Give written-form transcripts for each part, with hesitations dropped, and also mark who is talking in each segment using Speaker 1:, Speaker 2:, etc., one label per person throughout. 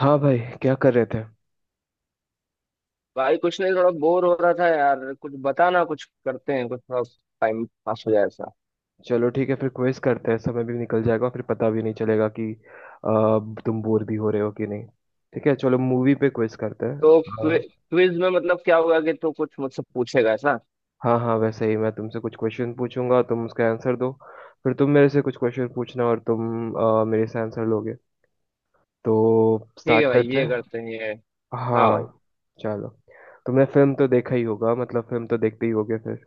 Speaker 1: हाँ भाई, क्या कर रहे थे।
Speaker 2: भाई कुछ नहीं थोड़ा बोर हो रहा था यार कुछ बताना कुछ करते हैं कुछ थोड़ा टाइम पास हो जाए ऐसा।
Speaker 1: चलो ठीक है, फिर क्विज करते हैं। समय भी निकल जाएगा, फिर पता भी नहीं चलेगा कि तुम बोर भी हो रहे हो कि नहीं। ठीक है, चलो मूवी पे क्विज करते हैं।
Speaker 2: तो
Speaker 1: अ,
Speaker 2: क्विज में मतलब क्या होगा कि तू कुछ मुझसे पूछेगा ऐसा?
Speaker 1: हाँ हाँ, वैसे ही मैं तुमसे कुछ क्वेश्चन पूछूंगा, तुम उसका आंसर दो। फिर तुम मेरे से कुछ क्वेश्चन पूछना और तुम मेरे से आंसर लोगे। तो
Speaker 2: ठीक है
Speaker 1: स्टार्ट
Speaker 2: भाई
Speaker 1: करते
Speaker 2: ये करते
Speaker 1: हैं।
Speaker 2: हैं ये। हाँ भाई।
Speaker 1: हाँ। चलो, तुमने फिल्म तो देखा ही होगा, मतलब फिल्म तो देखते ही होगे फिर।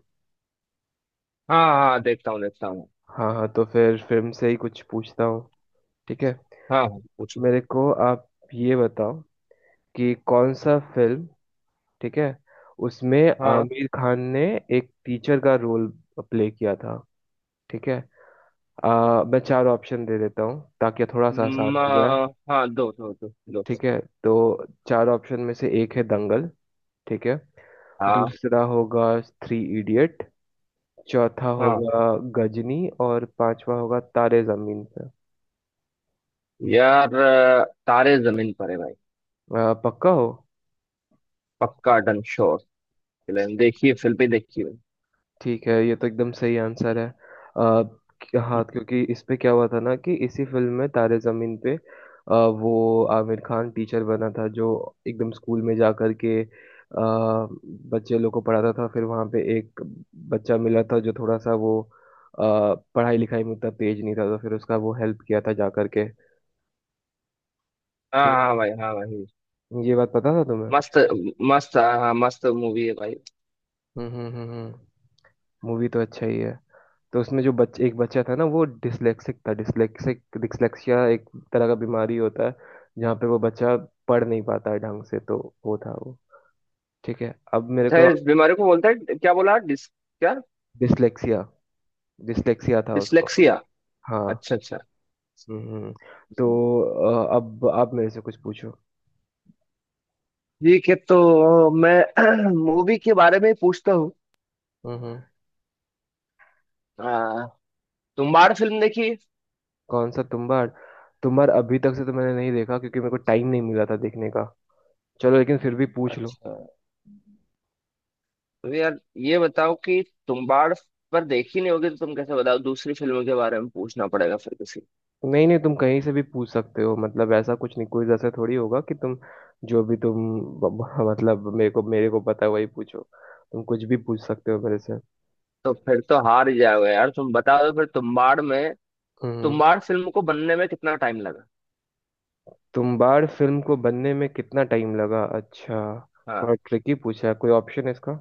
Speaker 2: हाँ हाँ देखता हूँ देखता हूँ।
Speaker 1: हाँ हाँ, तो फिर फिल्म से ही कुछ पूछता हूँ। ठीक है,
Speaker 2: हाँ हाँ पूछो।
Speaker 1: मेरे को आप ये बताओ कि कौन सा फिल्म, ठीक है, उसमें
Speaker 2: हाँ
Speaker 1: आमिर खान ने एक टीचर का रोल प्ले किया था। ठीक है, मैं चार ऑप्शन दे देता हूँ ताकि थोड़ा सा
Speaker 2: म,
Speaker 1: आसान हो जाए।
Speaker 2: हाँ दो दो दो दो।
Speaker 1: ठीक है, तो चार ऑप्शन में से एक है दंगल, ठीक है।
Speaker 2: हाँ
Speaker 1: दूसरा होगा थ्री इडियट, चौथा
Speaker 2: हाँ
Speaker 1: होगा गजनी और पांचवा होगा तारे जमीन पे।
Speaker 2: यार तारे जमीन पर है भाई।
Speaker 1: पक्का हो।
Speaker 2: पक्का डन श्योर। फिल्म देखिए फिल्म भी देखिए भाई।
Speaker 1: ठीक है, ये तो एकदम सही आंसर है। आ, हाँ, क्योंकि इस पे क्या हुआ था ना कि इसी फिल्म में तारे जमीन पे वो आमिर खान टीचर बना था जो एकदम स्कूल में जा कर के बच्चे लोग को पढ़ाता था। फिर वहाँ पे एक बच्चा मिला था जो थोड़ा सा वो अ, पढ़ाई लिखाई में उतना तेज नहीं था, तो फिर उसका वो हेल्प किया था जा करके।
Speaker 2: हाँ
Speaker 1: ये
Speaker 2: हाँ भाई हाँ भाई।
Speaker 1: ये बात पता था तुम्हें।
Speaker 2: मस्त। मस्त हाँ हाँ, मस्त मूवी है भाई।
Speaker 1: हम्म। मूवी तो अच्छा ही है। तो उसमें जो बच्चे एक बच्चा था ना, वो डिसलेक्सिक था। डिसलेक्सिक, डिसलेक्सिया एक तरह का बीमारी होता है जहाँ पे वो बच्चा पढ़ नहीं पाता है ढंग से। तो वो था वो। ठीक है, अब मेरे
Speaker 2: अच्छा
Speaker 1: को,
Speaker 2: इस बीमारी को बोलते हैं क्या बोला? डिस क्या?
Speaker 1: डिसलेक्सिया, डिसलेक्सिया था उसको।
Speaker 2: डिसलेक्सिया।
Speaker 1: हाँ।
Speaker 2: अच्छा अच्छा।
Speaker 1: हम्म हम्म। तो
Speaker 2: हम्म।
Speaker 1: अब आप मेरे से कुछ पूछो।
Speaker 2: ठीक है। तो मैं मूवी के बारे में ही पूछता हूँ।
Speaker 1: हम्म हम्म।
Speaker 2: आ, तुम्बाड़ फिल्म देखी?
Speaker 1: कौन सा तुम्बाड़। तुम्बाड़ अभी तक से तो मैंने नहीं देखा क्योंकि मेरे को टाइम नहीं मिला था देखने का। चलो, लेकिन फिर भी पूछ लो।
Speaker 2: अच्छा। तो यार ये बताओ कि तुम्बाड़ पर देखी नहीं होगी तो तुम कैसे बताओ? दूसरी फिल्मों के बारे में पूछना पड़ेगा फिर किसी।
Speaker 1: नहीं नहीं, तुम कहीं से भी पूछ सकते हो, मतलब ऐसा कुछ नहीं। कोई ऐसा थोड़ी होगा कि तुम जो भी तुम मतलब मेरे को पता है वही पूछो। तुम कुछ भी पूछ सकते हो मेरे से।
Speaker 2: तो फिर तो हार ही जाओगे यार। तुम बता दो फिर तुम्बाड़ में
Speaker 1: हम्म।
Speaker 2: तुम्बाड़ फिल्म को बनने में कितना टाइम लगा?
Speaker 1: तुम्बाड़ फिल्म को बनने में कितना टाइम लगा, अच्छा।
Speaker 2: हाँ
Speaker 1: थोड़ा ट्रिकी पूछा है, कोई ऑप्शन है इसका।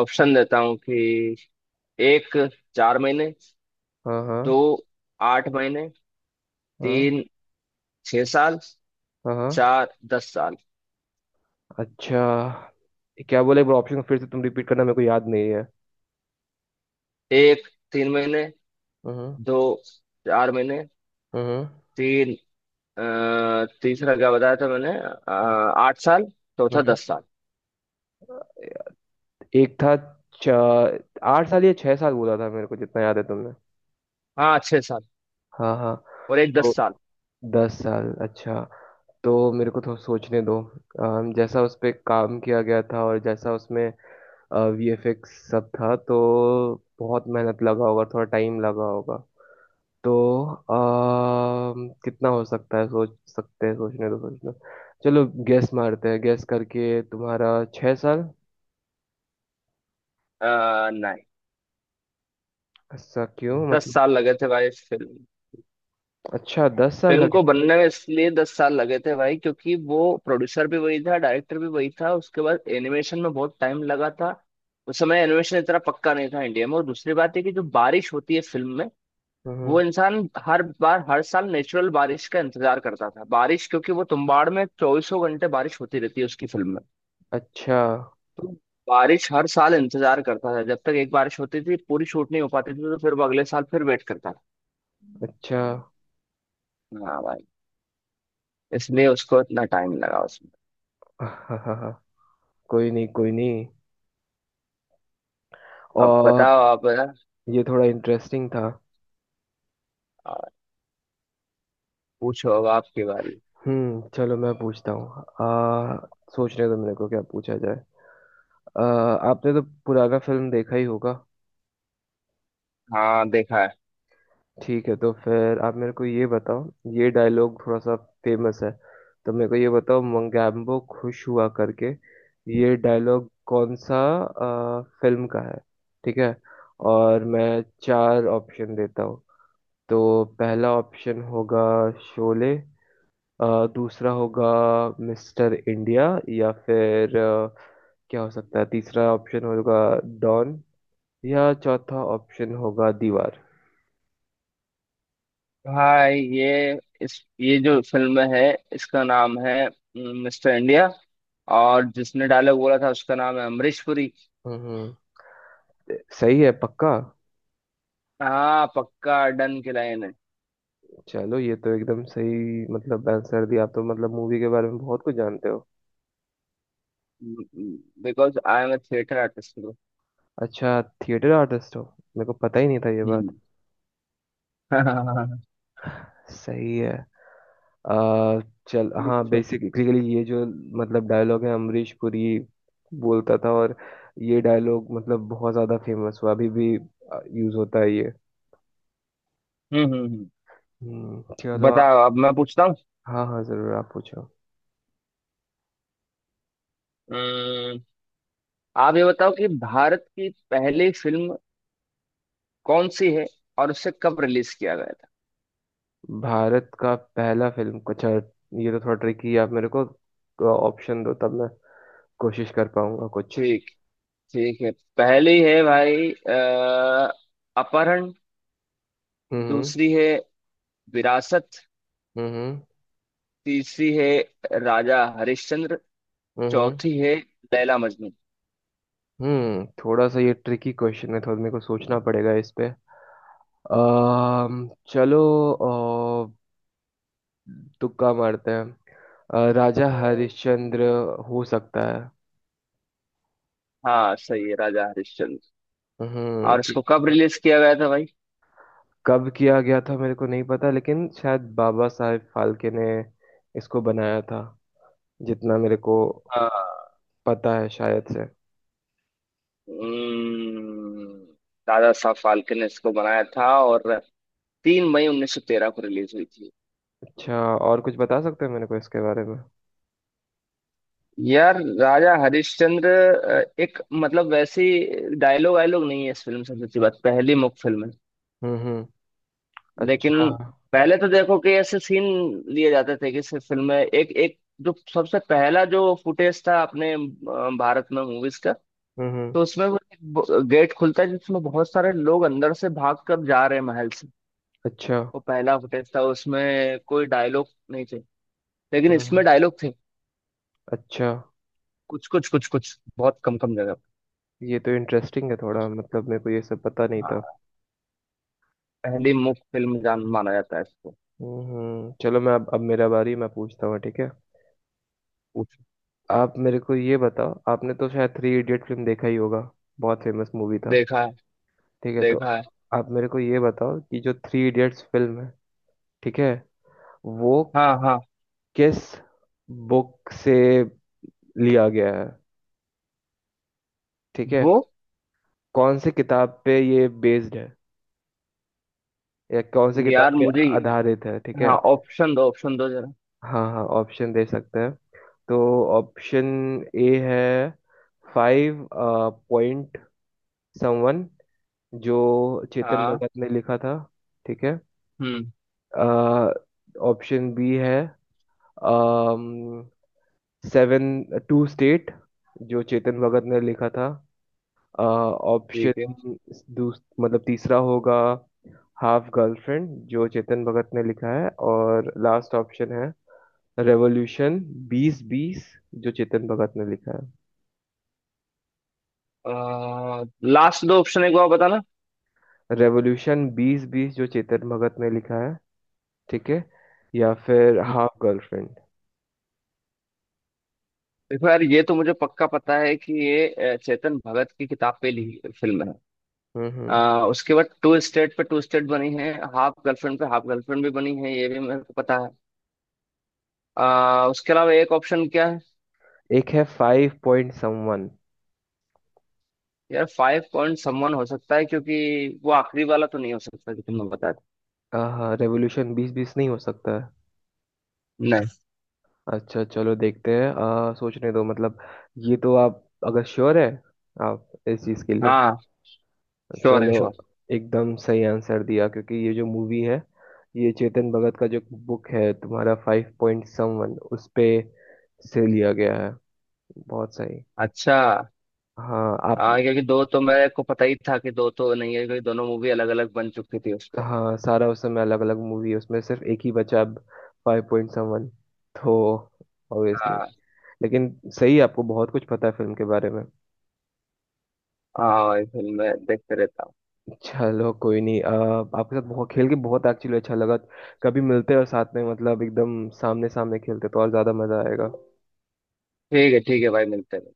Speaker 2: ऑप्शन देता हूँ कि एक, चार महीने।
Speaker 1: हाँ
Speaker 2: दो,
Speaker 1: हाँ।
Speaker 2: आठ महीने।
Speaker 1: हाँ।
Speaker 2: तीन, छह साल।
Speaker 1: हाँ हाँ।
Speaker 2: चार, दस साल।
Speaker 1: अच्छा, ये क्या बोले, एक बार ऑप्शन फिर से तुम रिपीट करना, मेरे को याद नहीं है।
Speaker 2: एक, तीन महीने।
Speaker 1: हम्म।
Speaker 2: दो, चार महीने।
Speaker 1: हम्म।
Speaker 2: तीन, तीसरा क्या बताया था मैंने? आठ साल। चौथा,
Speaker 1: हम्म।
Speaker 2: दस साल।
Speaker 1: एक था, 8 साल या 6 साल बोला था मेरे को, जितना याद है तुमने।
Speaker 2: हाँ छह साल।
Speaker 1: हाँ हाँ।
Speaker 2: और एक
Speaker 1: तो
Speaker 2: दस साल।
Speaker 1: 10 साल, अच्छा। तो मेरे को थोड़ा सोचने दो। जैसा उस पे काम किया गया था और जैसा उसमें वीएफएक्स सब था, तो बहुत मेहनत लगा होगा, थोड़ा टाइम लगा होगा। तो कितना हो सकता है, सोच सकते हैं। सोचने दो, सोचने दो। चलो, गैस मारते हैं, गैस करके, तुम्हारा 6 साल।
Speaker 2: नहीं।
Speaker 1: ऐसा क्यों,
Speaker 2: दस
Speaker 1: मतलब।
Speaker 2: साल लगे थे भाई इस फिल्म।
Speaker 1: अच्छा, 10 साल
Speaker 2: फिल्म को
Speaker 1: लगे।
Speaker 2: बनने में इसलिए दस साल लगे थे भाई क्योंकि वो प्रोड्यूसर भी वही था, डायरेक्टर भी वही था, उसके बाद एनिमेशन में बहुत टाइम लगा था। उस समय एनिमेशन इतना पक्का नहीं था इंडिया में, और दूसरी बात है कि जो बारिश होती है फिल्म में
Speaker 1: हम्म।
Speaker 2: वो इंसान हर बार हर साल नेचुरल बारिश का इंतजार करता था। बारिश क्योंकि वो तुम्बाड़ में चौबीसों घंटे बारिश होती रहती है उसकी फिल्म में।
Speaker 1: अच्छा
Speaker 2: तो बारिश हर साल इंतजार करता था, जब तक एक बारिश होती थी पूरी शूट नहीं हो पाती थी, तो फिर वो अगले साल फिर वेट करता था।
Speaker 1: अच्छा।
Speaker 2: हाँ भाई। इसलिए उसको इतना टाइम लगा उसमें।
Speaker 1: हाँ हाँ हाँ, कोई नहीं, कोई नहीं।
Speaker 2: अब
Speaker 1: और
Speaker 2: बताओ आप।
Speaker 1: ये थोड़ा इंटरेस्टिंग था।
Speaker 2: आ, पूछो, अब आपकी बारी।
Speaker 1: हम्म, चलो मैं पूछता हूँ। आ सोचने दो मेरे को क्या पूछा जाए। आ, आपने तो पुराना फिल्म देखा ही होगा।
Speaker 2: हाँ देखा है
Speaker 1: ठीक है, तो फिर आप मेरे को ये बताओ, ये डायलॉग थोड़ा सा फेमस है। तो मेरे को ये बताओ, मंगेम्बो खुश हुआ, करके ये डायलॉग कौन सा फिल्म का है, ठीक है। और मैं चार ऑप्शन देता हूँ। तो पहला ऑप्शन होगा शोले, अ, दूसरा होगा मिस्टर इंडिया, या फिर क्या हो सकता है, तीसरा ऑप्शन होगा डॉन, या चौथा ऑप्शन होगा दीवार।
Speaker 2: भाई। ये जो फिल्म है इसका नाम है मिस्टर इंडिया, और जिसने डायलॉग बोला था उसका नाम है अमरीश पुरी।
Speaker 1: हम्म। सही है, पक्का।
Speaker 2: हाँ पक्का डन की लाइन है।
Speaker 1: चलो, ये तो एकदम सही मतलब आंसर दिया आप, तो मतलब मूवी के बारे में बहुत कुछ जानते हो।
Speaker 2: Because I am a theatre artist bro.
Speaker 1: अच्छा, थिएटर आर्टिस्ट हो। मेरे को पता ही नहीं था ये बात।
Speaker 2: हम्म।
Speaker 1: सही है। आ, चल, हाँ,
Speaker 2: पूछो।
Speaker 1: बेसिकली ये जो मतलब डायलॉग है, अमरीश पुरी बोलता था और ये डायलॉग मतलब बहुत ज्यादा फेमस हुआ, अभी भी यूज होता है ये।
Speaker 2: हम्म हम्म हम्म।
Speaker 1: चलो
Speaker 2: बताओ,
Speaker 1: आप।
Speaker 2: अब मैं पूछता हूँ।
Speaker 1: हाँ हाँ, जरूर आप पूछो।
Speaker 2: हम्म, आप ये बताओ कि भारत की पहली फिल्म कौन सी है, और उसे कब रिलीज किया गया था?
Speaker 1: भारत का पहला फिल्म, अच्छा। ये तो थोड़ा ट्रिकी है, आप मेरे को ऑप्शन दो, तब मैं कोशिश कर पाऊंगा कुछ।
Speaker 2: ठीक, ठीक है। पहली है भाई अपहरण।
Speaker 1: हम्म।
Speaker 2: दूसरी है विरासत।
Speaker 1: हम्म।
Speaker 2: तीसरी है राजा हरिश्चंद्र।
Speaker 1: हम्म।
Speaker 2: चौथी है लैला मजनू।
Speaker 1: हम्म, थोड़ा सा ये ट्रिकी क्वेश्चन है, थोड़ा मेरे को सोचना पड़ेगा इस पे। चलो, तुक्का मारते हैं। राजा हरिश्चंद्र हो सकता है।
Speaker 2: हाँ सही है, राजा हरिश्चंद्र।
Speaker 1: हम्म,
Speaker 2: और
Speaker 1: क्यों।
Speaker 2: इसको कब रिलीज किया गया था भाई?
Speaker 1: कब किया गया था मेरे को नहीं पता, लेकिन शायद बाबा साहेब फाल्के ने इसको बनाया था, जितना मेरे को
Speaker 2: हाँ।
Speaker 1: पता है शायद से।
Speaker 2: हम्म, दादा साहब फाल्के ने इसको बनाया था, और तीन मई 1913 को रिलीज हुई थी।
Speaker 1: अच्छा, और कुछ बता सकते हैं मेरे को इसके बारे में।
Speaker 2: यार राजा हरिश्चंद्र, एक मतलब वैसी डायलॉग वायलॉग नहीं है इस फिल्म से। सच्ची बात, पहली मुख फिल्म है।
Speaker 1: हम्म। अच्छा,
Speaker 2: लेकिन
Speaker 1: हम्म।
Speaker 2: पहले तो देखो कि ऐसे सीन लिए जाते थे कि सिर्फ फिल्म में एक एक, जो सबसे पहला जो फुटेज था अपने भारत में मूवीज। तो
Speaker 1: हम्म।
Speaker 2: उसमें वो एक गेट खुलता है जिसमें बहुत सारे लोग अंदर से भाग कर जा रहे हैं महल से।
Speaker 1: अच्छा।
Speaker 2: वो पहला फुटेज था, उसमें कोई डायलॉग नहीं थे। लेकिन
Speaker 1: हम्म हम्म,
Speaker 2: इसमें डायलॉग थे।
Speaker 1: अच्छा।
Speaker 2: कुछ कुछ बहुत कम कम जगह
Speaker 1: ये तो इंटरेस्टिंग है,
Speaker 2: पे।
Speaker 1: थोड़ा मतलब मेरे को ये सब पता नहीं था।
Speaker 2: हाँ, पहली मुख फिल्म जान माना जाता है इसको।
Speaker 1: चलो मैं अब मेरा बारी, मैं पूछता हूँ, ठीक है।
Speaker 2: पूछ।
Speaker 1: आप मेरे को ये बताओ, आपने तो शायद थ्री इडियट फिल्म देखा ही होगा, बहुत फेमस मूवी था।
Speaker 2: देखा है।
Speaker 1: ठीक है, तो
Speaker 2: देखा है।
Speaker 1: आप मेरे को ये बताओ कि जो थ्री इडियट्स फिल्म है, ठीक है, वो
Speaker 2: हाँ हाँ
Speaker 1: किस बुक से लिया गया है, ठीक है,
Speaker 2: वो।
Speaker 1: कौन सी किताब पे ये बेस्ड है या कौन सी किताब
Speaker 2: यार
Speaker 1: पे
Speaker 2: मुझे।
Speaker 1: आधारित है, ठीक है।
Speaker 2: हाँ ऑप्शन दो, ऑप्शन दो जरा।
Speaker 1: हाँ हाँ, ऑप्शन दे सकते हैं। तो ऑप्शन ए है फाइव पॉइंट समवन, जो चेतन
Speaker 2: हाँ।
Speaker 1: भगत ने लिखा था, ठीक है।
Speaker 2: हम्म।
Speaker 1: ऑप्शन बी है सेवन टू स्टेट, जो चेतन भगत ने लिखा था।
Speaker 2: ठीक है।
Speaker 1: ऑप्शन दूस मतलब तीसरा होगा हाफ गर्लफ्रेंड, जो चेतन भगत ने लिखा है, और लास्ट ऑप्शन है रेवोल्यूशन 2020, जो चेतन भगत ने लिखा
Speaker 2: आ, लास्ट दो ऑप्शन एक बार बताना।
Speaker 1: है। रेवोल्यूशन बीस बीस, जो चेतन भगत ने लिखा है, ठीक है, या फिर हाफ गर्लफ्रेंड।
Speaker 2: देखो यार, ये तो मुझे पक्का पता है कि ये चेतन भगत की किताब पे ली फिल्म है।
Speaker 1: हम्म।
Speaker 2: उसके बाद टू स्टेट पे टू स्टेट बनी है, हाफ गर्लफ्रेंड पे हाफ गर्लफ्रेंड भी बनी है, ये भी मेरे को पता है। उसके अलावा एक ऑप्शन क्या है?
Speaker 1: एक है फाइव पॉइंट समवन।
Speaker 2: यार फाइव पॉइंट समवन हो सकता है, क्योंकि वो आखिरी वाला तो नहीं हो सकता जो तुमने बताया था।
Speaker 1: हाँ, रेवोल्यूशन 2020 नहीं हो सकता है।
Speaker 2: नहीं।
Speaker 1: अच्छा, चलो देखते हैं। सोचने दो मतलब, ये तो आप अगर श्योर है आप इस चीज़ के लिए।
Speaker 2: हाँ श्योर है,
Speaker 1: चलो,
Speaker 2: श्योर।
Speaker 1: एकदम सही आंसर दिया, क्योंकि ये जो मूवी है, ये चेतन भगत का जो बुक है तुम्हारा, फाइव पॉइंट समवन, उस पे से लिया गया है। बहुत सही।
Speaker 2: अच्छा।
Speaker 1: हाँ आप।
Speaker 2: हाँ क्योंकि दो तो मेरे को पता ही था कि दो तो नहीं है, क्योंकि दोनों मूवी अलग अलग बन चुकी थी उस पे।
Speaker 1: हाँ, सारा उस समय अलग अलग मूवी है उसमें, सिर्फ एक ही बचा अब, फाइव पॉइंट समवन, तो ऑब्वियसली।
Speaker 2: हाँ
Speaker 1: लेकिन सही, आपको बहुत कुछ पता है फिल्म के बारे में।
Speaker 2: हाँ ये फिल्म मैं देखते रहता हूँ।
Speaker 1: चलो, कोई नहीं। आपके साथ बहुत खेल के, बहुत एक्चुअली अच्छा लगा। कभी मिलते हैं और साथ में मतलब एकदम सामने सामने खेलते, तो और ज्यादा मजा आएगा।
Speaker 2: ठीक है, ठीक है भाई, मिलते हैं।